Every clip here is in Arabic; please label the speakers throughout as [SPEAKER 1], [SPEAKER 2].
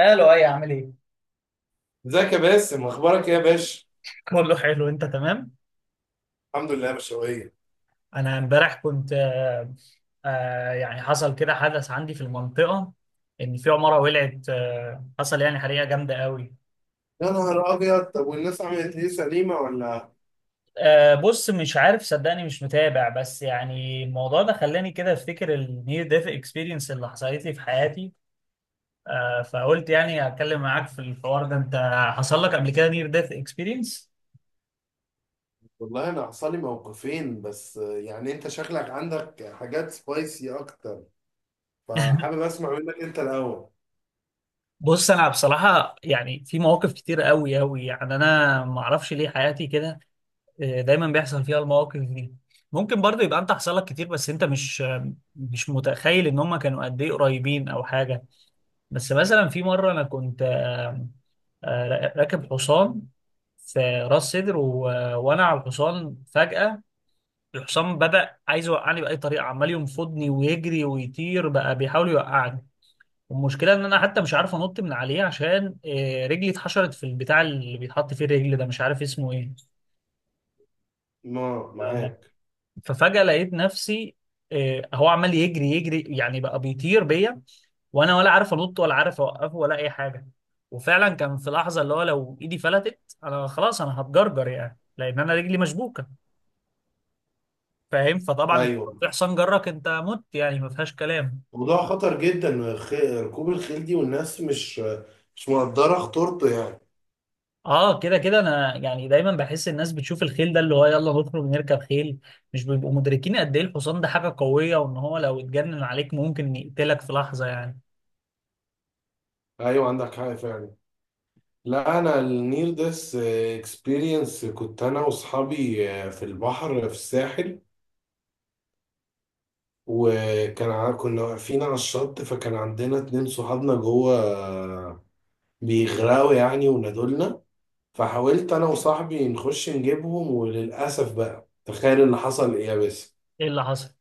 [SPEAKER 1] الو، اي عامل ايه؟
[SPEAKER 2] ازيك يا باسم؟ اخبارك ايه يا باشا؟
[SPEAKER 1] بقول له حلو، انت تمام؟
[SPEAKER 2] الحمد لله، مشوية.
[SPEAKER 1] انا امبارح كنت يعني حصل كده حدث عندي في المنطقه، ان في عماره ولعت، حصل يعني حريقه جامده قوي.
[SPEAKER 2] يا نهار ابيض، طب والناس عملت ايه، سليمه ولا؟
[SPEAKER 1] بص، مش عارف، صدقني مش متابع، بس يعني الموضوع ده خلاني كده افتكر النير ديث اكسبيرينس اللي حصلت لي في حياتي. فقلت يعني اتكلم معاك في الحوار ده. انت حصل لك قبل كده نير ديث اكسبيرينس؟
[SPEAKER 2] والله انا حصل لي موقفين، بس يعني انت شكلك عندك حاجات سبايسي اكتر، فحابب اسمع منك انت الاول.
[SPEAKER 1] بص، انا بصراحه يعني في مواقف كتير قوي قوي، يعني انا ما اعرفش ليه حياتي كده. دايما بيحصل فيها المواقف دي. ممكن برضه يبقى انت حصل لك كتير بس انت مش متخيل ان هم كانوا قد ايه قريبين او حاجه. بس مثلا في مره انا كنت، راكب حصان في راس سدر، و... وانا على الحصان فجاه الحصان بدا عايز يوقعني باي طريقه، عمال ينفضني ويجري ويطير بقى بيحاول يوقعني. والمشكله ان انا حتى مش عارف انط من عليه، عشان رجلي اتحشرت في البتاع اللي بيتحط فيه الرجل ده، مش عارف اسمه ايه.
[SPEAKER 2] ما معاك.
[SPEAKER 1] ففجأة لقيت نفسي، هو عمال يجري يعني بقى بيطير بيا، وانا ولا عارف انط ولا عارف اوقفه ولا اي حاجه. وفعلا كان في لحظه اللي هو لو ايدي فلتت، انا خلاص انا هتجرجر يعني، لان انا رجلي مشبوكه. فاهم؟ فطبعا انت لو
[SPEAKER 2] ايوه.
[SPEAKER 1] في حصان جرك انت مت يعني، ما فيهاش كلام.
[SPEAKER 2] موضوع خطر جدا، ركوب الخيل دي، والناس مش مقدره خطورته يعني.
[SPEAKER 1] اه، كده كده انا يعني دايما بحس الناس بتشوف الخيل ده اللي هو يلا نخرج نركب خيل، مش بيبقوا مدركين قد ايه الحصان ده حاجه قويه، وان هو لو اتجنن عليك ممكن يقتلك في لحظه يعني.
[SPEAKER 2] ايوه، عندك حق فعلا. لا، انا النير ديس اكسبيرينس كنت انا واصحابي في البحر في الساحل. كنا واقفين على الشط، فكان عندنا 2 صحابنا جوه بيغرقوا يعني، ونادولنا. فحاولت انا وصاحبي نخش نجيبهم، وللاسف بقى تخيل اللي حصل ايه يا باسم؟
[SPEAKER 1] ايه اللي حصل؟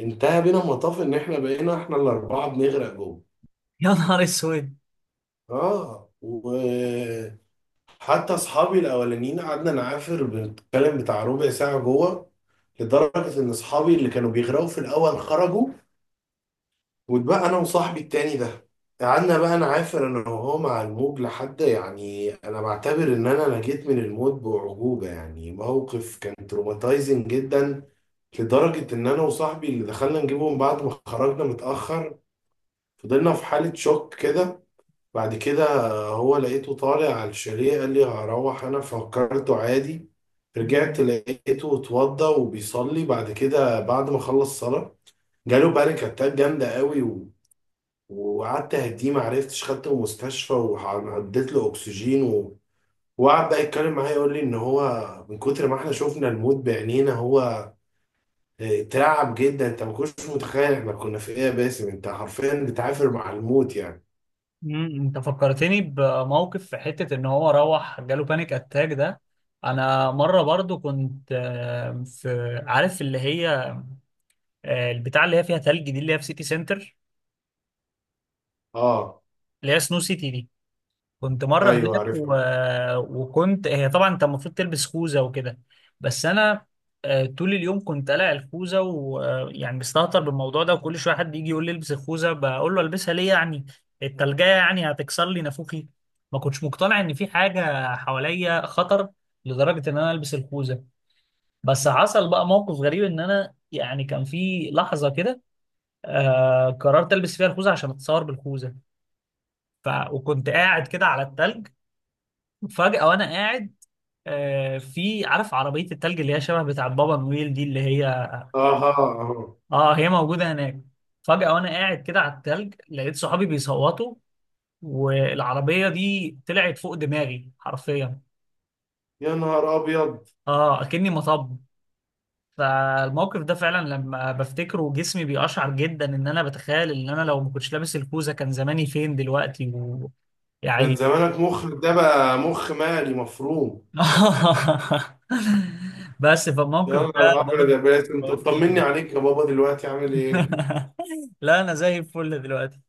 [SPEAKER 2] انتهى بينا المطاف ان احنا بقينا احنا الاربعه بنغرق جوه.
[SPEAKER 1] يا نهار اسود.
[SPEAKER 2] اه وحتى اصحابي الاولانيين قعدنا نعافر، بنتكلم بتاع ربع ساعه جوه، لدرجه ان اصحابي اللي كانوا بيغرقوا في الاول خرجوا، وبقى انا وصاحبي التاني ده. قعدنا بقى نعافر انا وهو مع الموج، لحد يعني انا بعتبر ان انا نجيت من الموت باعجوبه. يعني موقف كان تروماتايزنج جدا، لدرجه ان انا وصاحبي اللي دخلنا نجيبهم بعد ما خرجنا متاخر فضلنا في حاله شوك كده. بعد كده هو لقيته طالع على الشاليه، قال لي هروح، انا فكرته عادي. رجعت لقيته اتوضى وبيصلي، بعد كده بعد ما خلص صلاه جاله بانيك اتاك جامده قوي، وقعدت اهديه، ما عرفتش خدته مستشفى، وعديت له اكسجين وقعد بقى يتكلم معايا يقول لي ان هو من كتر ما احنا شفنا الموت بعينينا هو اترعب جدا. انت ما كنتش متخيل احنا كنا في ايه يا باسم؟ انت حرفيا بتعافر مع الموت يعني.
[SPEAKER 1] مم، انت فكرتني بموقف في حتة ان هو روح جاله بانيك اتاك ده. انا مرة برضو كنت، في عارف اللي هي، البتاع اللي هي فيها تلج دي اللي هي في سيتي سنتر،
[SPEAKER 2] اه.
[SPEAKER 1] اللي هي سنو سيتي دي. كنت مرة
[SPEAKER 2] ايوه،
[SPEAKER 1] هناك، و...
[SPEAKER 2] عارفها.
[SPEAKER 1] وكنت، هي طبعا انت المفروض تلبس خوذة وكده. بس انا طول اليوم كنت قلع الخوذة، ويعني مستهتر بالموضوع ده، وكل شوية حد يجي يقول لي البس الخوذة، بقول له البسها ليه يعني؟ التلجية يعني هتكسر لي نافوخي؟ ما كنتش مقتنع ان في حاجة حواليا خطر لدرجة ان انا البس الخوذة. بس حصل بقى موقف غريب، ان انا يعني كان في لحظة كده آه قررت البس فيها الخوذة عشان اتصور بالخوذة. ف... وكنت قاعد كده على التلج، فجأة وأنا قاعد، في عارف عربية التلج اللي هي شبه بتاع بابا نويل دي، اللي هي،
[SPEAKER 2] اها. اها.
[SPEAKER 1] اه هي موجودة هناك. فجأة وأنا قاعد كده على التلج لقيت صحابي بيصوتوا، والعربية دي طلعت فوق دماغي حرفيا،
[SPEAKER 2] يا نهار ابيض.
[SPEAKER 1] اه أكني مطب. فالموقف ده فعلا لما بفتكره جسمي بيقشعر جدا، ان انا بتخيل ان انا لو ما كنتش لابس الكوزة كان زماني فين دلوقتي.
[SPEAKER 2] كان
[SPEAKER 1] ويعني
[SPEAKER 2] زمانك مخ، ده بقى مخ مالي مفروم.
[SPEAKER 1] بس
[SPEAKER 2] يا
[SPEAKER 1] فالموقف
[SPEAKER 2] نهار
[SPEAKER 1] ده
[SPEAKER 2] ابيض يا
[SPEAKER 1] برضه
[SPEAKER 2] باسم، انت
[SPEAKER 1] خوفني
[SPEAKER 2] طمني
[SPEAKER 1] أوي.
[SPEAKER 2] عليك يا بابا، دلوقتي عامل ايه؟
[SPEAKER 1] لا انا زي الفل دلوقتي.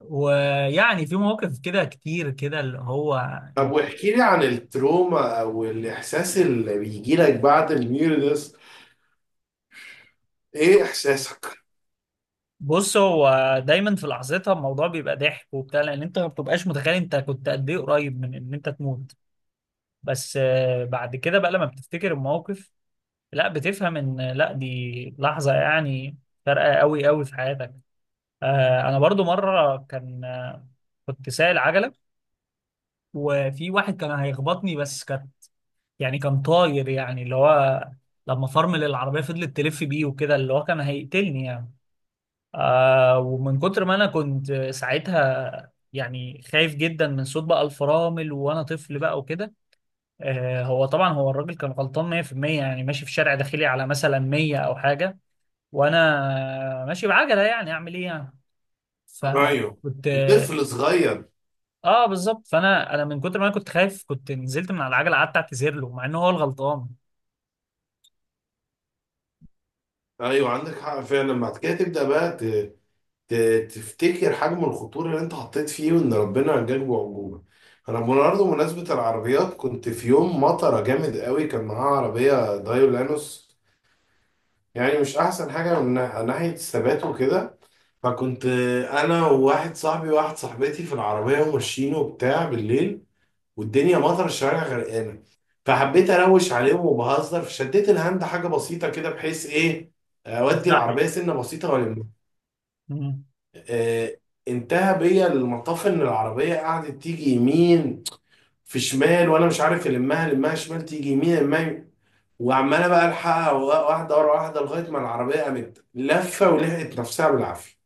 [SPEAKER 1] ويعني في مواقف كده كتير كده اللي هو،
[SPEAKER 2] طب واحكي لي عن التروما او الاحساس اللي بيجي لك بعد الميوردس، ايه احساسك؟
[SPEAKER 1] بص هو دايما في لحظتها الموضوع بيبقى ضحك وبتاع، لان انت ما بتبقاش متخيل انت كنت قد ايه قريب من ان انت تموت. بس بعد كده بقى لما بتفتكر المواقف، لا بتفهم ان لا دي لحظة يعني فارقة قوي قوي في حياتك. انا برضو مرة كان، كنت سايق العجلة، وفي واحد كان هيخبطني بس كان، يعني كان طاير يعني اللي هو، لما فرمل العربية فضلت تلف بيه وكده، اللي هو كان هيقتلني يعني. آه، ومن كتر ما أنا كنت ساعتها يعني خايف جدا من صوت بقى الفرامل، وأنا طفل بقى وكده. آه هو طبعا هو الراجل كان غلطان 100%، يعني ماشي في شارع داخلي على مثلا 100 أو حاجة، وأنا ماشي بعجلة، يعني أعمل إيه يعني؟ صح؟
[SPEAKER 2] ايوه،
[SPEAKER 1] فكنت اه،
[SPEAKER 2] طفل صغير.
[SPEAKER 1] بالظبط. فانا من كتر ما انا كنت خايف كنت نزلت من على العجله قعدت اعتذر له، مع ان هو الغلطان.
[SPEAKER 2] ايوه، عندك حق فعلا. بعد كده تبدا بقى ت... تفتكر حجم الخطوره اللي انت حطيت فيه، وان ربنا نجاك بعجوبه. انا برضه بمناسبه العربيات، كنت في يوم مطره جامد قوي كان معاه عربيه دايولانوس، يعني مش احسن حاجه من ناحيه الثبات وكده. فكنت انا وواحد صاحبي وواحد صاحبتي في العربيه وماشيين وبتاع بالليل، والدنيا مطر، الشوارع غرقانه. فحبيت اروش عليهم وبهزر، فشديت الهاند حاجه بسيطه كده، بحيث ايه؟ اودي
[SPEAKER 1] اتزحلق.
[SPEAKER 2] العربيه سنه بسيطه والم. آه، انتهى بيا المطاف ان العربيه قعدت تيجي يمين، في شمال، وانا مش عارف المها، المها شمال تيجي يمين، المها يمين. وعماله بقى الحقها واحده ورا واحده، لغايه ما العربيه قامت لفه ولحقت نفسها بالعافيه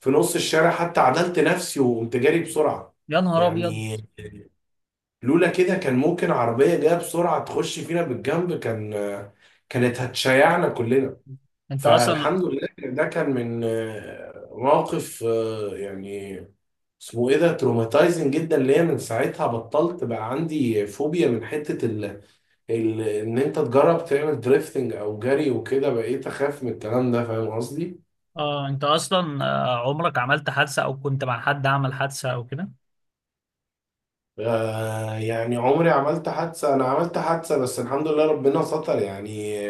[SPEAKER 2] في نص الشارع، حتى عدلت نفسي وقمت جاري بسرعه.
[SPEAKER 1] يا نهار ابيض.
[SPEAKER 2] يعني لولا كده كان ممكن عربية جاية بسرعة تخش فينا بالجنب، كان كانت هتشيعنا كلنا.
[SPEAKER 1] انت اصلا،
[SPEAKER 2] فالحمد لله إن ده كان من موقف يعني اسمه ايه، ده تروماتايزنج جدا ليا. من ساعتها بطلت، بقى عندي فوبيا من حتة ان انت تجرب تعمل دريفتنج او جري وكده، بقيت اخاف من الكلام ده، فاهم قصدي؟
[SPEAKER 1] اه انت اصلا عمرك عملت حادثه او كنت مع حد عمل حادثه او كده؟
[SPEAKER 2] يعني عمري عملت حادثة، انا عملت حادثة بس الحمد لله ربنا ستر يعني.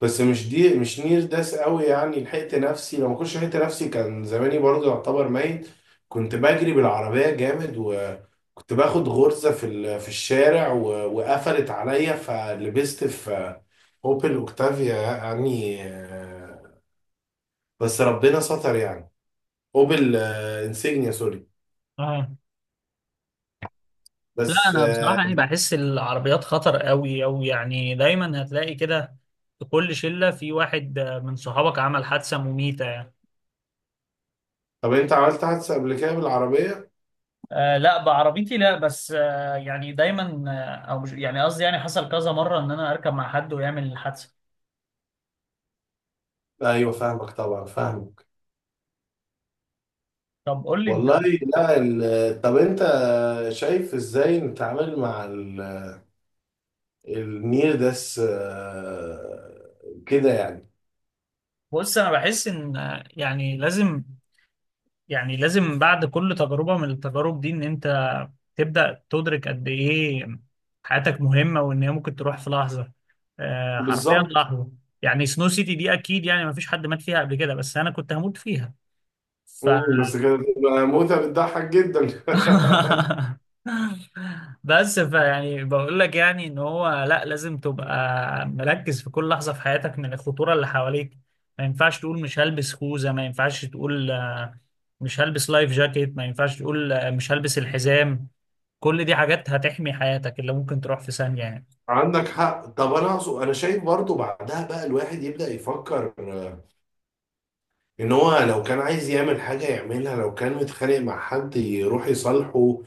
[SPEAKER 2] بس مش دي، مش نير داس قوي يعني، لحقت نفسي، لو ما كنتش لحقت نفسي كان زماني برضه يعتبر ميت. كنت بجري بالعربية جامد، وكنت باخد غرزة في الشارع وقفلت عليا، فلبست في اوبل اوكتافيا يعني بس ربنا ستر يعني. اوبل انسيجنيا، سوري.
[SPEAKER 1] اه، لا
[SPEAKER 2] بس
[SPEAKER 1] انا بصراحه يعني بحس العربيات خطر قوي قوي، يعني دايما هتلاقي كده في كل شله في واحد، من صحابك عمل حادثه مميته يعني.
[SPEAKER 2] طب انت عملت حادثة قبل كده بالعربية؟
[SPEAKER 1] آه لا، بعربيتي لا، بس آه يعني دايما، آه او مش يعني قصدي يعني حصل كذا مره ان انا اركب مع حد ويعمل حادثه.
[SPEAKER 2] ايوه، فاهمك طبعا، فاهمك.
[SPEAKER 1] طب قول لي انت.
[SPEAKER 2] والله، لا طب انت شايف ازاي نتعامل مع النير داس كده يعني.
[SPEAKER 1] بص انا بحس ان، يعني لازم، يعني لازم بعد كل تجربة من التجارب دي ان انت تبدأ تدرك قد ايه حياتك مهمة، وان هي ممكن تروح في لحظة، حرفيا
[SPEAKER 2] بالظبط.
[SPEAKER 1] لحظة. يعني سنو سيتي دي اكيد يعني ما فيش حد مات فيها قبل كده، بس انا كنت هموت فيها.
[SPEAKER 2] بس كده تبقى موتة بتضحك جدا.
[SPEAKER 1] بس فيعني بقول لك يعني ان هو، لا لازم تبقى مركز في كل لحظه في حياتك من الخطوره اللي حواليك. ما ينفعش تقول مش هلبس خوذه، ما ينفعش تقول مش هلبس لايف جاكيت، ما ينفعش تقول مش هلبس الحزام. كل دي حاجات هتحمي حياتك اللي ممكن تروح في ثانيه يعني.
[SPEAKER 2] عندك حق. طب انا اقصد، انا شايف برضو بعدها بقى الواحد يبدأ يفكر ان هو لو كان عايز يعمل حاجة يعملها، لو كان متخانق مع حد يروح يصالحه،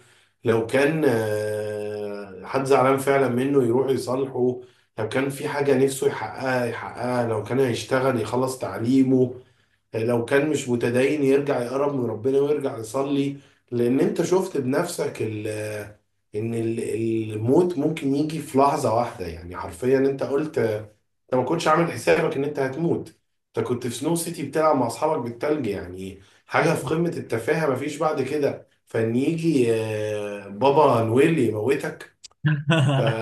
[SPEAKER 2] لو كان حد زعلان فعلا منه يروح يصالحه، لو كان في حاجة نفسه يحققها يحققها، لو كان هيشتغل يخلص تعليمه، لو كان مش متدين يرجع يقرب من ربنا ويرجع يصلي. لان انت شفت بنفسك ان الموت ممكن يجي في لحظة واحدة، يعني حرفيا انت قلت انت ما كنتش عامل حسابك ان انت هتموت. انت كنت في سنو سيتي بتلعب مع اصحابك بالتلج، يعني حاجه في قمه التفاهه، مفيش بعد كده فان يجي بابا نويل يموتك. ف...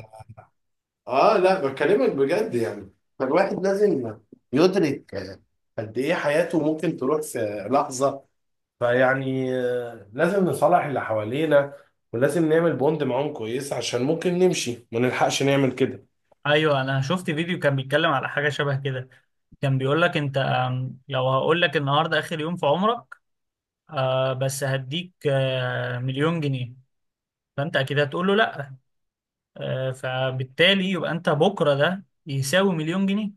[SPEAKER 2] اه لا بكلمك بجد يعني، فالواحد لازم يدرك قد ايه حياته ممكن تروح في لحظه. فيعني لازم نصالح اللي حوالينا، ولازم نعمل بوند معاهم كويس عشان ممكن نمشي ما نلحقش نعمل كده.
[SPEAKER 1] ايوه، انا شفت فيديو كان بيتكلم على حاجه شبه كده. كان بيقول لك انت، لو هقول لك النهارده اخر يوم في عمرك، آه بس هديك آه مليون جنيه، فانت اكيد هتقول له لا. آه، فبالتالي يبقى انت بكره ده يساوي مليون جنيه.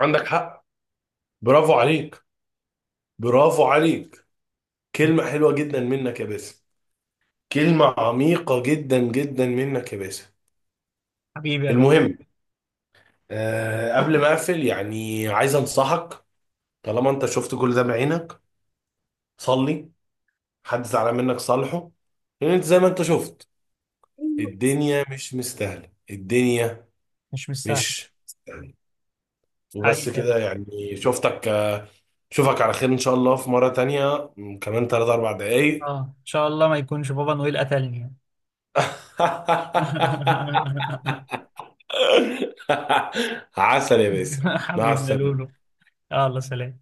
[SPEAKER 2] عندك حق. برافو عليك، برافو عليك. كلمة حلوة جدا منك يا باسم، كلمة عميقة جدا جدا منك يا باسم.
[SPEAKER 1] حبيبي يا لؤي.
[SPEAKER 2] المهم، قبل ما أقفل، يعني عايز أنصحك، طالما أنت شفت كل ده بعينك، صلي، حد زعلان منك صالحه، لأن أنت زي ما أنت شفت الدنيا مش مستاهلة، الدنيا
[SPEAKER 1] مش مستاهل.
[SPEAKER 2] مش مستاهلة. وبس
[SPEAKER 1] حقيقي يا لؤي.
[SPEAKER 2] كده يعني، شفتك شوفك على خير إن شاء الله في مرة تانية، كمان تلات أربع دقايق.
[SPEAKER 1] اه ان شاء الله ما يكونش بابا نويل قتلني.
[SPEAKER 2] عسل يا باسم. مع
[SPEAKER 1] حبيبي يا لولو.
[SPEAKER 2] السلامة.
[SPEAKER 1] يلا سلام.